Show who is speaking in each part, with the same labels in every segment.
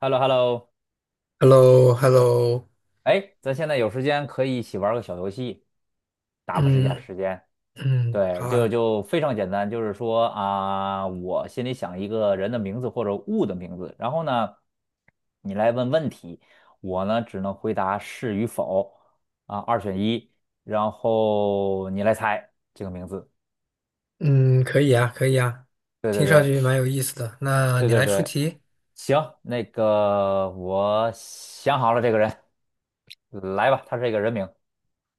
Speaker 1: h e l l o h e l l o.
Speaker 2: h e l l o h e l l o
Speaker 1: 哎，咱现在有时间可以一起玩个小游戏，打发一下
Speaker 2: 嗯
Speaker 1: 时间。
Speaker 2: 嗯，
Speaker 1: 对，
Speaker 2: 好
Speaker 1: 就
Speaker 2: 啊，
Speaker 1: 就非常简单，就是说啊，我心里想一个人的名字或者物的名字，然后呢，你来问问题，我呢只能回答是与否啊，二选一，然后你来猜这个名字。
Speaker 2: 嗯，可以啊，可以啊，
Speaker 1: 对对
Speaker 2: 听上
Speaker 1: 对
Speaker 2: 去蛮有意思的。那
Speaker 1: 对
Speaker 2: 你
Speaker 1: 对
Speaker 2: 来出
Speaker 1: 对，
Speaker 2: 题，
Speaker 1: 行，那个我想好了这个人，来吧，他是一个人名。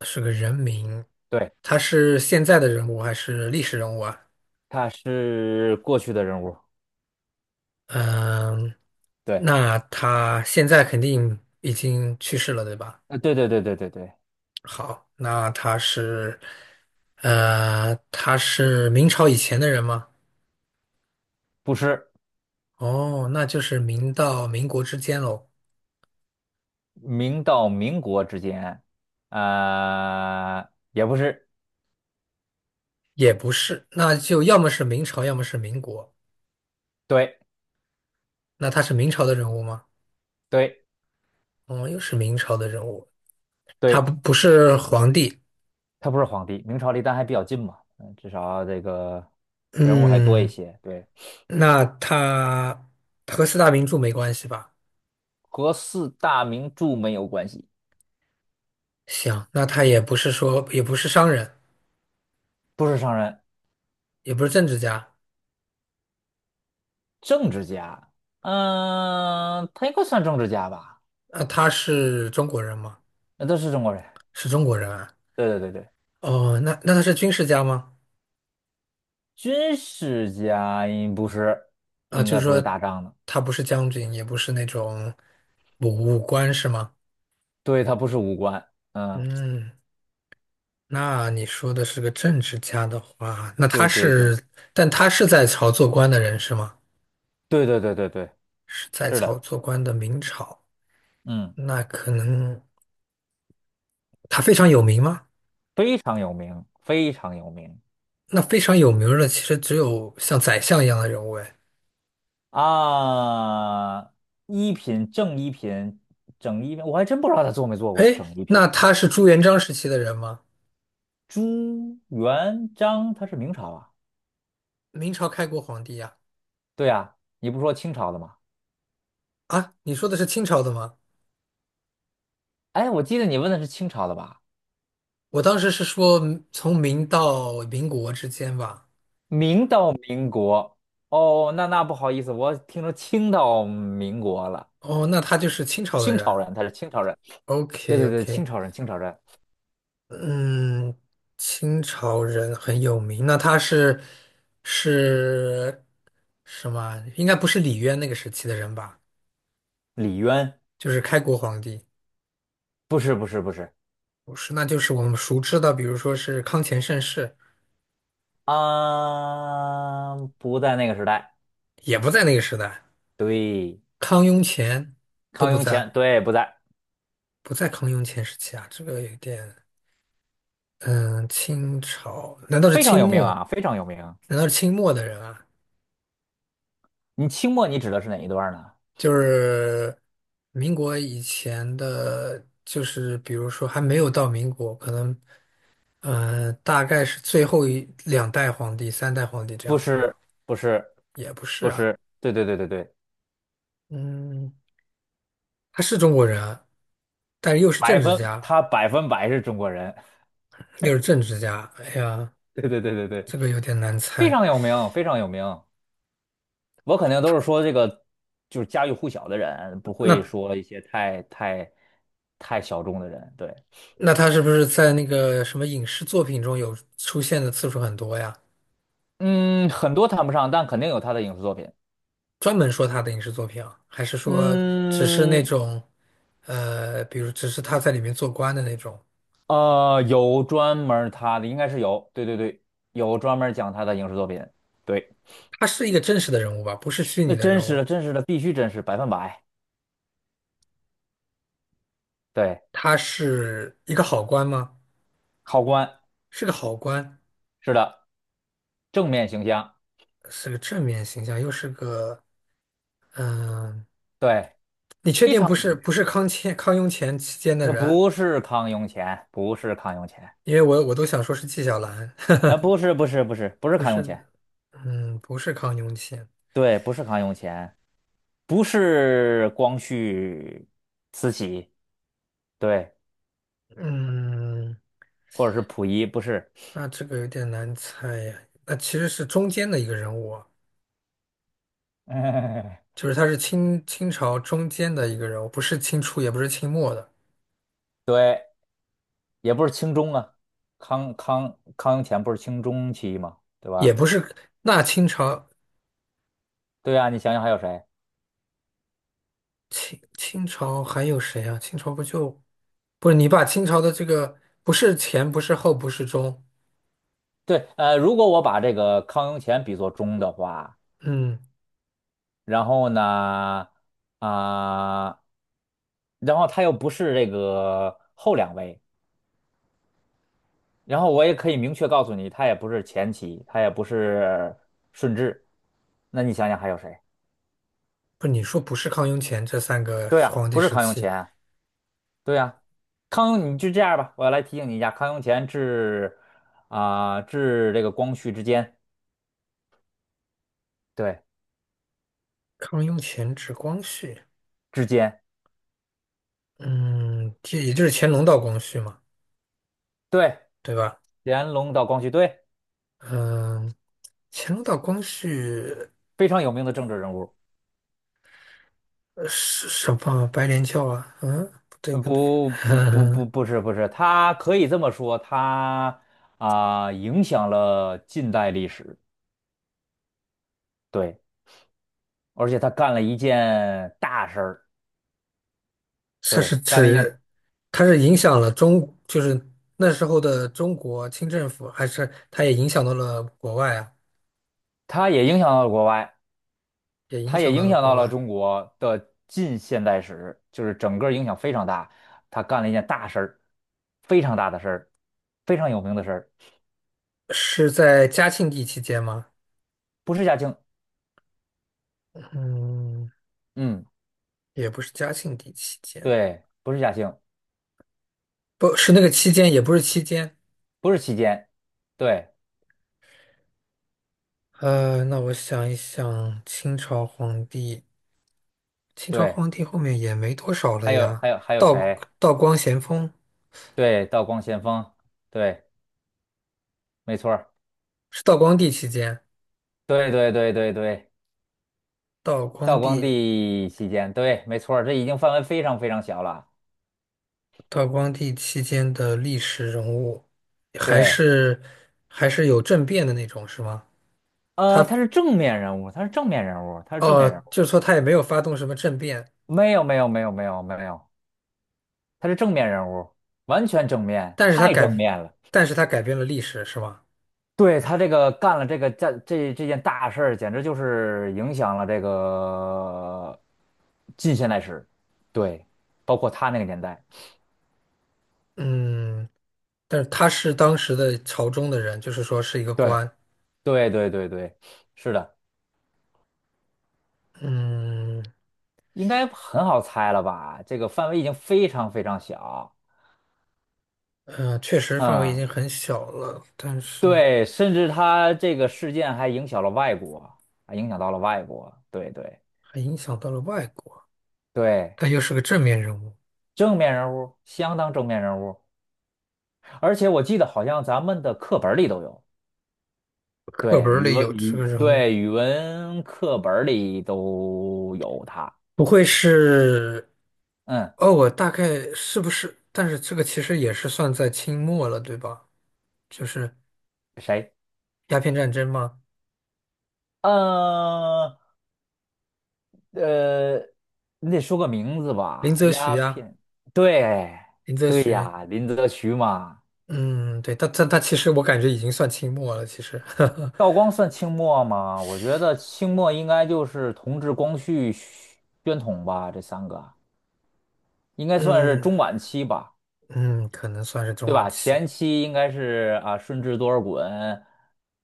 Speaker 2: 是个人名，
Speaker 1: 对。
Speaker 2: 他是现在的人物还是历史人物啊？
Speaker 1: 他是过去的人物，
Speaker 2: 嗯，
Speaker 1: 对，
Speaker 2: 那他现在肯定已经去世了，对吧？
Speaker 1: 对对对对对对，
Speaker 2: 好，那他是，他是明朝以前的人吗？
Speaker 1: 不是
Speaker 2: 哦，那就是明到民国之间喽，
Speaker 1: 明到民国之间，呃，也不是，
Speaker 2: 也不是，那就要么是明朝，要么是民国。
Speaker 1: 对
Speaker 2: 那他是明朝的人物吗？
Speaker 1: 对
Speaker 2: 哦，又是明朝的人物，他不
Speaker 1: 对，
Speaker 2: 不是皇帝。
Speaker 1: 他不是皇帝，明朝离咱还比较近嘛，嗯，至少这个人物还多一
Speaker 2: 嗯，
Speaker 1: 些，对，
Speaker 2: 那他和四大名著没关系吧？
Speaker 1: 和四大名著没有关系，
Speaker 2: 行，那他也不是说也不是商人，
Speaker 1: 不是商人，
Speaker 2: 也不是政治家。
Speaker 1: 政治家，嗯、他应该算政治家吧，
Speaker 2: 那他是中国人吗？
Speaker 1: 那都是中国人，
Speaker 2: 是中国人啊。
Speaker 1: 对对对对，
Speaker 2: 哦，那他是军事家吗？
Speaker 1: 军事家应不是，
Speaker 2: 啊，
Speaker 1: 应
Speaker 2: 就
Speaker 1: 该
Speaker 2: 是
Speaker 1: 不是
Speaker 2: 说
Speaker 1: 打仗的。
Speaker 2: 他不是将军，也不是那种武官是吗？
Speaker 1: 对，它不是无官，嗯，
Speaker 2: 嗯，那你说的是个政治家的话，那他
Speaker 1: 对对对
Speaker 2: 是，但他是在朝做官的人是吗？
Speaker 1: 对对对对对，
Speaker 2: 是在
Speaker 1: 是的，
Speaker 2: 朝做官的明朝，
Speaker 1: 嗯，
Speaker 2: 那可能他非常有名吗？
Speaker 1: 非常有名，非常有名
Speaker 2: 那非常有名儿的其实只有像宰相一样的人物哎。
Speaker 1: 啊！一品正一品整一品，我还真不知道他做没做过
Speaker 2: 哎，
Speaker 1: 整一
Speaker 2: 那
Speaker 1: 品。
Speaker 2: 他是朱元璋时期的人吗？
Speaker 1: 朱元璋他是明朝啊？
Speaker 2: 明朝开国皇帝呀、
Speaker 1: 对啊，你不说清朝的吗？
Speaker 2: 啊？啊你说的是清朝的吗？
Speaker 1: 哎，我记得你问的是清朝的吧？
Speaker 2: 我当时是说嗯从明到民国之间吧。
Speaker 1: 明到民国，哦，那那不好意思，我听说清到民国了。
Speaker 2: 哦，那他就是清朝的
Speaker 1: 清
Speaker 2: 人。
Speaker 1: 朝人，他是清朝人。对
Speaker 2: OK
Speaker 1: 对对，清
Speaker 2: OK。
Speaker 1: 朝人，清朝人，
Speaker 2: 嗯，清朝人很有名，那他是什么？应该不是李渊那个时期的人吧？
Speaker 1: 李渊
Speaker 2: 就是开国皇帝，
Speaker 1: 不是不是不是，
Speaker 2: 不是，那就是我们熟知的，比如说是康乾盛世，
Speaker 1: 啊，不在那个时代。
Speaker 2: 也不在那个时代，
Speaker 1: 对，
Speaker 2: 康雍乾都
Speaker 1: 康
Speaker 2: 不
Speaker 1: 雍乾，
Speaker 2: 在，
Speaker 1: 对，不在，
Speaker 2: 不在康雍乾时期啊，这个有点，嗯，清朝，难道是
Speaker 1: 非常
Speaker 2: 清
Speaker 1: 有名啊，
Speaker 2: 末？
Speaker 1: 非常有名。
Speaker 2: 难道是清末的人啊？
Speaker 1: 你清末你指的是哪一段呢？
Speaker 2: 就是民国以前的，就是比如说还没有到民国，可能大概是最后一两代皇帝、三代皇帝这
Speaker 1: 不
Speaker 2: 样子
Speaker 1: 是
Speaker 2: 吧，
Speaker 1: 不是
Speaker 2: 也不是
Speaker 1: 不
Speaker 2: 啊，
Speaker 1: 是，对对对对对，
Speaker 2: 嗯，他是中国人啊，但是又是
Speaker 1: 百
Speaker 2: 政治
Speaker 1: 分
Speaker 2: 家，
Speaker 1: 他百分百是中国人，
Speaker 2: 又是政治家，哎呀，
Speaker 1: 对对对对对，
Speaker 2: 这个有点难
Speaker 1: 非
Speaker 2: 猜。
Speaker 1: 常有名，非常有名。我肯定都是说这个就是家喻户晓的人，不会
Speaker 2: 那
Speaker 1: 说一些太小众的人。对，
Speaker 2: 那他是不是在那个什么影视作品中有出现的次数很多呀？
Speaker 1: 嗯，很多谈不上，但肯定有他的影视作品。
Speaker 2: 专门说他的影视作品啊，还是说只是那
Speaker 1: 嗯，
Speaker 2: 种，比如只是他在里面做官的那种？
Speaker 1: 有专门儿他的，应该是有，对对对，有专门儿讲他的影视作品，对，
Speaker 2: 他是一个真实的人物吧，不是虚拟
Speaker 1: 那
Speaker 2: 的
Speaker 1: 真
Speaker 2: 人
Speaker 1: 实
Speaker 2: 物。
Speaker 1: 的，真实的，必须真实，百分百，对，
Speaker 2: 他是一个好官吗？
Speaker 1: 考官，
Speaker 2: 是个好官，
Speaker 1: 是的，正面形象，
Speaker 2: 是个正面形象，又是个嗯、
Speaker 1: 对，
Speaker 2: 你确
Speaker 1: 非
Speaker 2: 定
Speaker 1: 常
Speaker 2: 不
Speaker 1: 有
Speaker 2: 是
Speaker 1: 名，
Speaker 2: 不是康乾康雍乾期间的
Speaker 1: 可
Speaker 2: 人？
Speaker 1: 不是康雍乾，不是康雍乾，
Speaker 2: 因为我都想说是纪晓岚，
Speaker 1: 不是，不是，不是，不是
Speaker 2: 不
Speaker 1: 康雍
Speaker 2: 是，
Speaker 1: 乾，
Speaker 2: 嗯，不是康雍乾，
Speaker 1: 对，不是康雍乾，不是光绪、慈禧，对，
Speaker 2: 嗯。
Speaker 1: 或者是溥仪，不是，
Speaker 2: 那这个有点难猜呀。那其实是中间的一个人物啊，就是他是清朝中间的一个人物，不是清初，也不是清末的，
Speaker 1: 对。也不是清中啊，康雍乾不是清中期吗？对
Speaker 2: 也
Speaker 1: 吧？
Speaker 2: 不是。那清朝
Speaker 1: 对啊，你想想还有谁？
Speaker 2: 清朝还有谁啊？清朝不就不是你把清朝的这个不是前，不是后，不是中，
Speaker 1: 对，呃，如果我把这个康雍乾比作中的话，
Speaker 2: 嗯，
Speaker 1: 然后呢，啊、然后他又不是这个后两位，然后我也可以明确告诉你，他也不是前期，他也不是顺治，那你想想还有谁？
Speaker 2: 不是你说不是康雍乾这三个
Speaker 1: 对啊，
Speaker 2: 皇帝
Speaker 1: 不是
Speaker 2: 时
Speaker 1: 康雍
Speaker 2: 期，
Speaker 1: 乾，对呀、康雍，你就这样吧，我来提醒你一下，康雍乾至啊、至这个光绪之间，对，
Speaker 2: 康雍乾至光绪，
Speaker 1: 之间，
Speaker 2: 嗯，这也就是乾隆到光绪嘛，
Speaker 1: 对，
Speaker 2: 对吧？
Speaker 1: 乾隆到光绪，对，
Speaker 2: 嗯，乾隆到光绪。
Speaker 1: 非常有名的政治人物。
Speaker 2: 什么白莲教啊？嗯，不对
Speaker 1: 呃
Speaker 2: 不对，
Speaker 1: 不不不不不是不是，他可以这么说，他啊、影响了近代历史，对，而且他干了一件大事儿，
Speaker 2: 它是
Speaker 1: 对，干了一件，
Speaker 2: 指它是影响了中，就是那时候的中国清政府，还是它也影响到了国外啊？
Speaker 1: 他也影响到了国外。
Speaker 2: 也影
Speaker 1: 他也
Speaker 2: 响到
Speaker 1: 影
Speaker 2: 了
Speaker 1: 响
Speaker 2: 国
Speaker 1: 到了
Speaker 2: 外，
Speaker 1: 中国的近现代史，就是整个影响非常大。他干了一件大事儿，非常大的事儿，非常有名的事儿，
Speaker 2: 是在嘉庆帝期间吗？
Speaker 1: 不是嘉庆，
Speaker 2: 嗯，
Speaker 1: 嗯，
Speaker 2: 也不是嘉庆帝期间，
Speaker 1: 对，不是嘉庆，
Speaker 2: 不是那个期间，也不是期间。
Speaker 1: 不是期间，对
Speaker 2: 那我想一想，清朝皇帝，清朝
Speaker 1: 对，
Speaker 2: 皇帝后面也没多少了
Speaker 1: 还有
Speaker 2: 呀。
Speaker 1: 还有还有
Speaker 2: 道
Speaker 1: 谁？
Speaker 2: 道光咸丰
Speaker 1: 对，道光咸丰，对，没错儿
Speaker 2: 是道光帝期间。
Speaker 1: 对对对对对，
Speaker 2: 道光
Speaker 1: 道光
Speaker 2: 帝，
Speaker 1: 帝期间，对，没错儿这已经范围非常非常小了，
Speaker 2: 道光帝期间的历史人物，还
Speaker 1: 对。
Speaker 2: 是还是有政变的那种，是吗？他
Speaker 1: 呃，他是正面人物，他是正面人物，他是正面人
Speaker 2: 哦，
Speaker 1: 物。
Speaker 2: 就是说他也没有发动什么政变，
Speaker 1: 没有，没有，没有，没有，没有，他是正面人物，完全正面，
Speaker 2: 但是他
Speaker 1: 太正
Speaker 2: 改，
Speaker 1: 面了。
Speaker 2: 但是他改变了历史，是吗？
Speaker 1: 对，他这个干了这个这件大事儿，简直就是影响了这个近现代史，对，包括他那个年代，
Speaker 2: 嗯，但是他是当时的朝中的人，就是说是一个
Speaker 1: 对，
Speaker 2: 官。
Speaker 1: 对对对对，是的，
Speaker 2: 嗯
Speaker 1: 应该很好猜了吧？这个范围已经非常非常小，
Speaker 2: 嗯，确实范围已
Speaker 1: 嗯，
Speaker 2: 经很小了，但是
Speaker 1: 对，甚至他这个事件还影响了外国，还影响到了外国，对对
Speaker 2: 还影响到了外国，
Speaker 1: 对，
Speaker 2: 但又是个正面人物，
Speaker 1: 正面人物，相当正面人物。而且我记得好像咱们的课本里都有，
Speaker 2: 课
Speaker 1: 对，
Speaker 2: 本儿
Speaker 1: 语
Speaker 2: 里
Speaker 1: 文
Speaker 2: 有这
Speaker 1: 语
Speaker 2: 个人物，
Speaker 1: 对，语文课本里都有他。
Speaker 2: 不会是？
Speaker 1: 嗯，
Speaker 2: 哦，我大概是不是？但是这个其实也是算在清末了，对吧？就是
Speaker 1: 谁？
Speaker 2: 鸦片战争嘛，
Speaker 1: 呃呃，你得说个名字
Speaker 2: 林
Speaker 1: 吧。
Speaker 2: 则徐
Speaker 1: 鸦
Speaker 2: 呀、
Speaker 1: 片，对
Speaker 2: 林则
Speaker 1: 对
Speaker 2: 徐，
Speaker 1: 呀，林则徐嘛。
Speaker 2: 嗯，对，他其实我感觉已经算清末了，其实，
Speaker 1: 道光算清末吗？我觉得清末应该就是同治、光绪、宣统吧，这三个应该算是
Speaker 2: 嗯
Speaker 1: 中晚期吧。
Speaker 2: 嗯，可能算是中
Speaker 1: 对
Speaker 2: 晚
Speaker 1: 吧？
Speaker 2: 期。
Speaker 1: 前期应该是啊，顺治多尔衮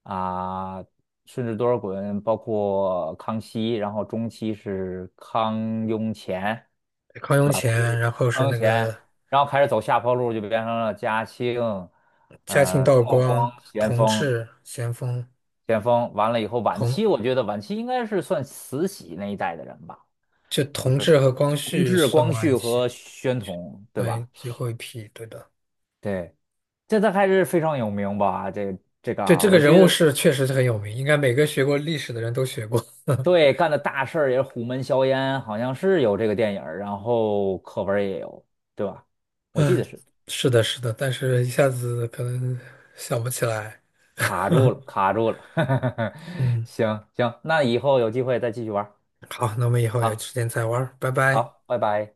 Speaker 1: 啊，顺治多尔衮，包括康熙，然后中期是康雍乾，
Speaker 2: 康
Speaker 1: 对
Speaker 2: 雍
Speaker 1: 吧？他
Speaker 2: 乾，
Speaker 1: 是
Speaker 2: 然后
Speaker 1: 康
Speaker 2: 是
Speaker 1: 雍
Speaker 2: 那
Speaker 1: 乾，
Speaker 2: 个
Speaker 1: 然后开始走下坡路，就变成了嘉庆，
Speaker 2: 嘉庆、
Speaker 1: 呃，
Speaker 2: 道
Speaker 1: 道光、
Speaker 2: 光、
Speaker 1: 咸
Speaker 2: 同
Speaker 1: 丰、
Speaker 2: 治、咸丰、
Speaker 1: 咸丰，完了以后，晚期
Speaker 2: 同
Speaker 1: 我觉得晚期应该是算慈禧那一代的人吧，就
Speaker 2: 同
Speaker 1: 是
Speaker 2: 治和光
Speaker 1: 同
Speaker 2: 绪
Speaker 1: 治、
Speaker 2: 算
Speaker 1: 光
Speaker 2: 晚
Speaker 1: 绪
Speaker 2: 期，
Speaker 1: 和宣统，对
Speaker 2: 对，
Speaker 1: 吧？
Speaker 2: 最后一批，对的，
Speaker 1: 对。这他还是非常有名吧？这这个
Speaker 2: 对，
Speaker 1: 啊，
Speaker 2: 这个
Speaker 1: 我
Speaker 2: 人
Speaker 1: 觉
Speaker 2: 物
Speaker 1: 得
Speaker 2: 是确实是很有名，应该每个学过历史的人都学过。
Speaker 1: 对，干的大事儿也是虎门销烟，好像是有这个电影儿然后课文儿也有，对吧？我记
Speaker 2: 嗯，
Speaker 1: 得是
Speaker 2: 是的，是的，但是一下子可能想不起来。
Speaker 1: 卡住了，卡住了。
Speaker 2: 嗯，
Speaker 1: 行行，那以后有机会再继续玩儿。
Speaker 2: 好，那我们以后有
Speaker 1: 好，
Speaker 2: 时间再玩儿拜拜。
Speaker 1: 好，拜拜。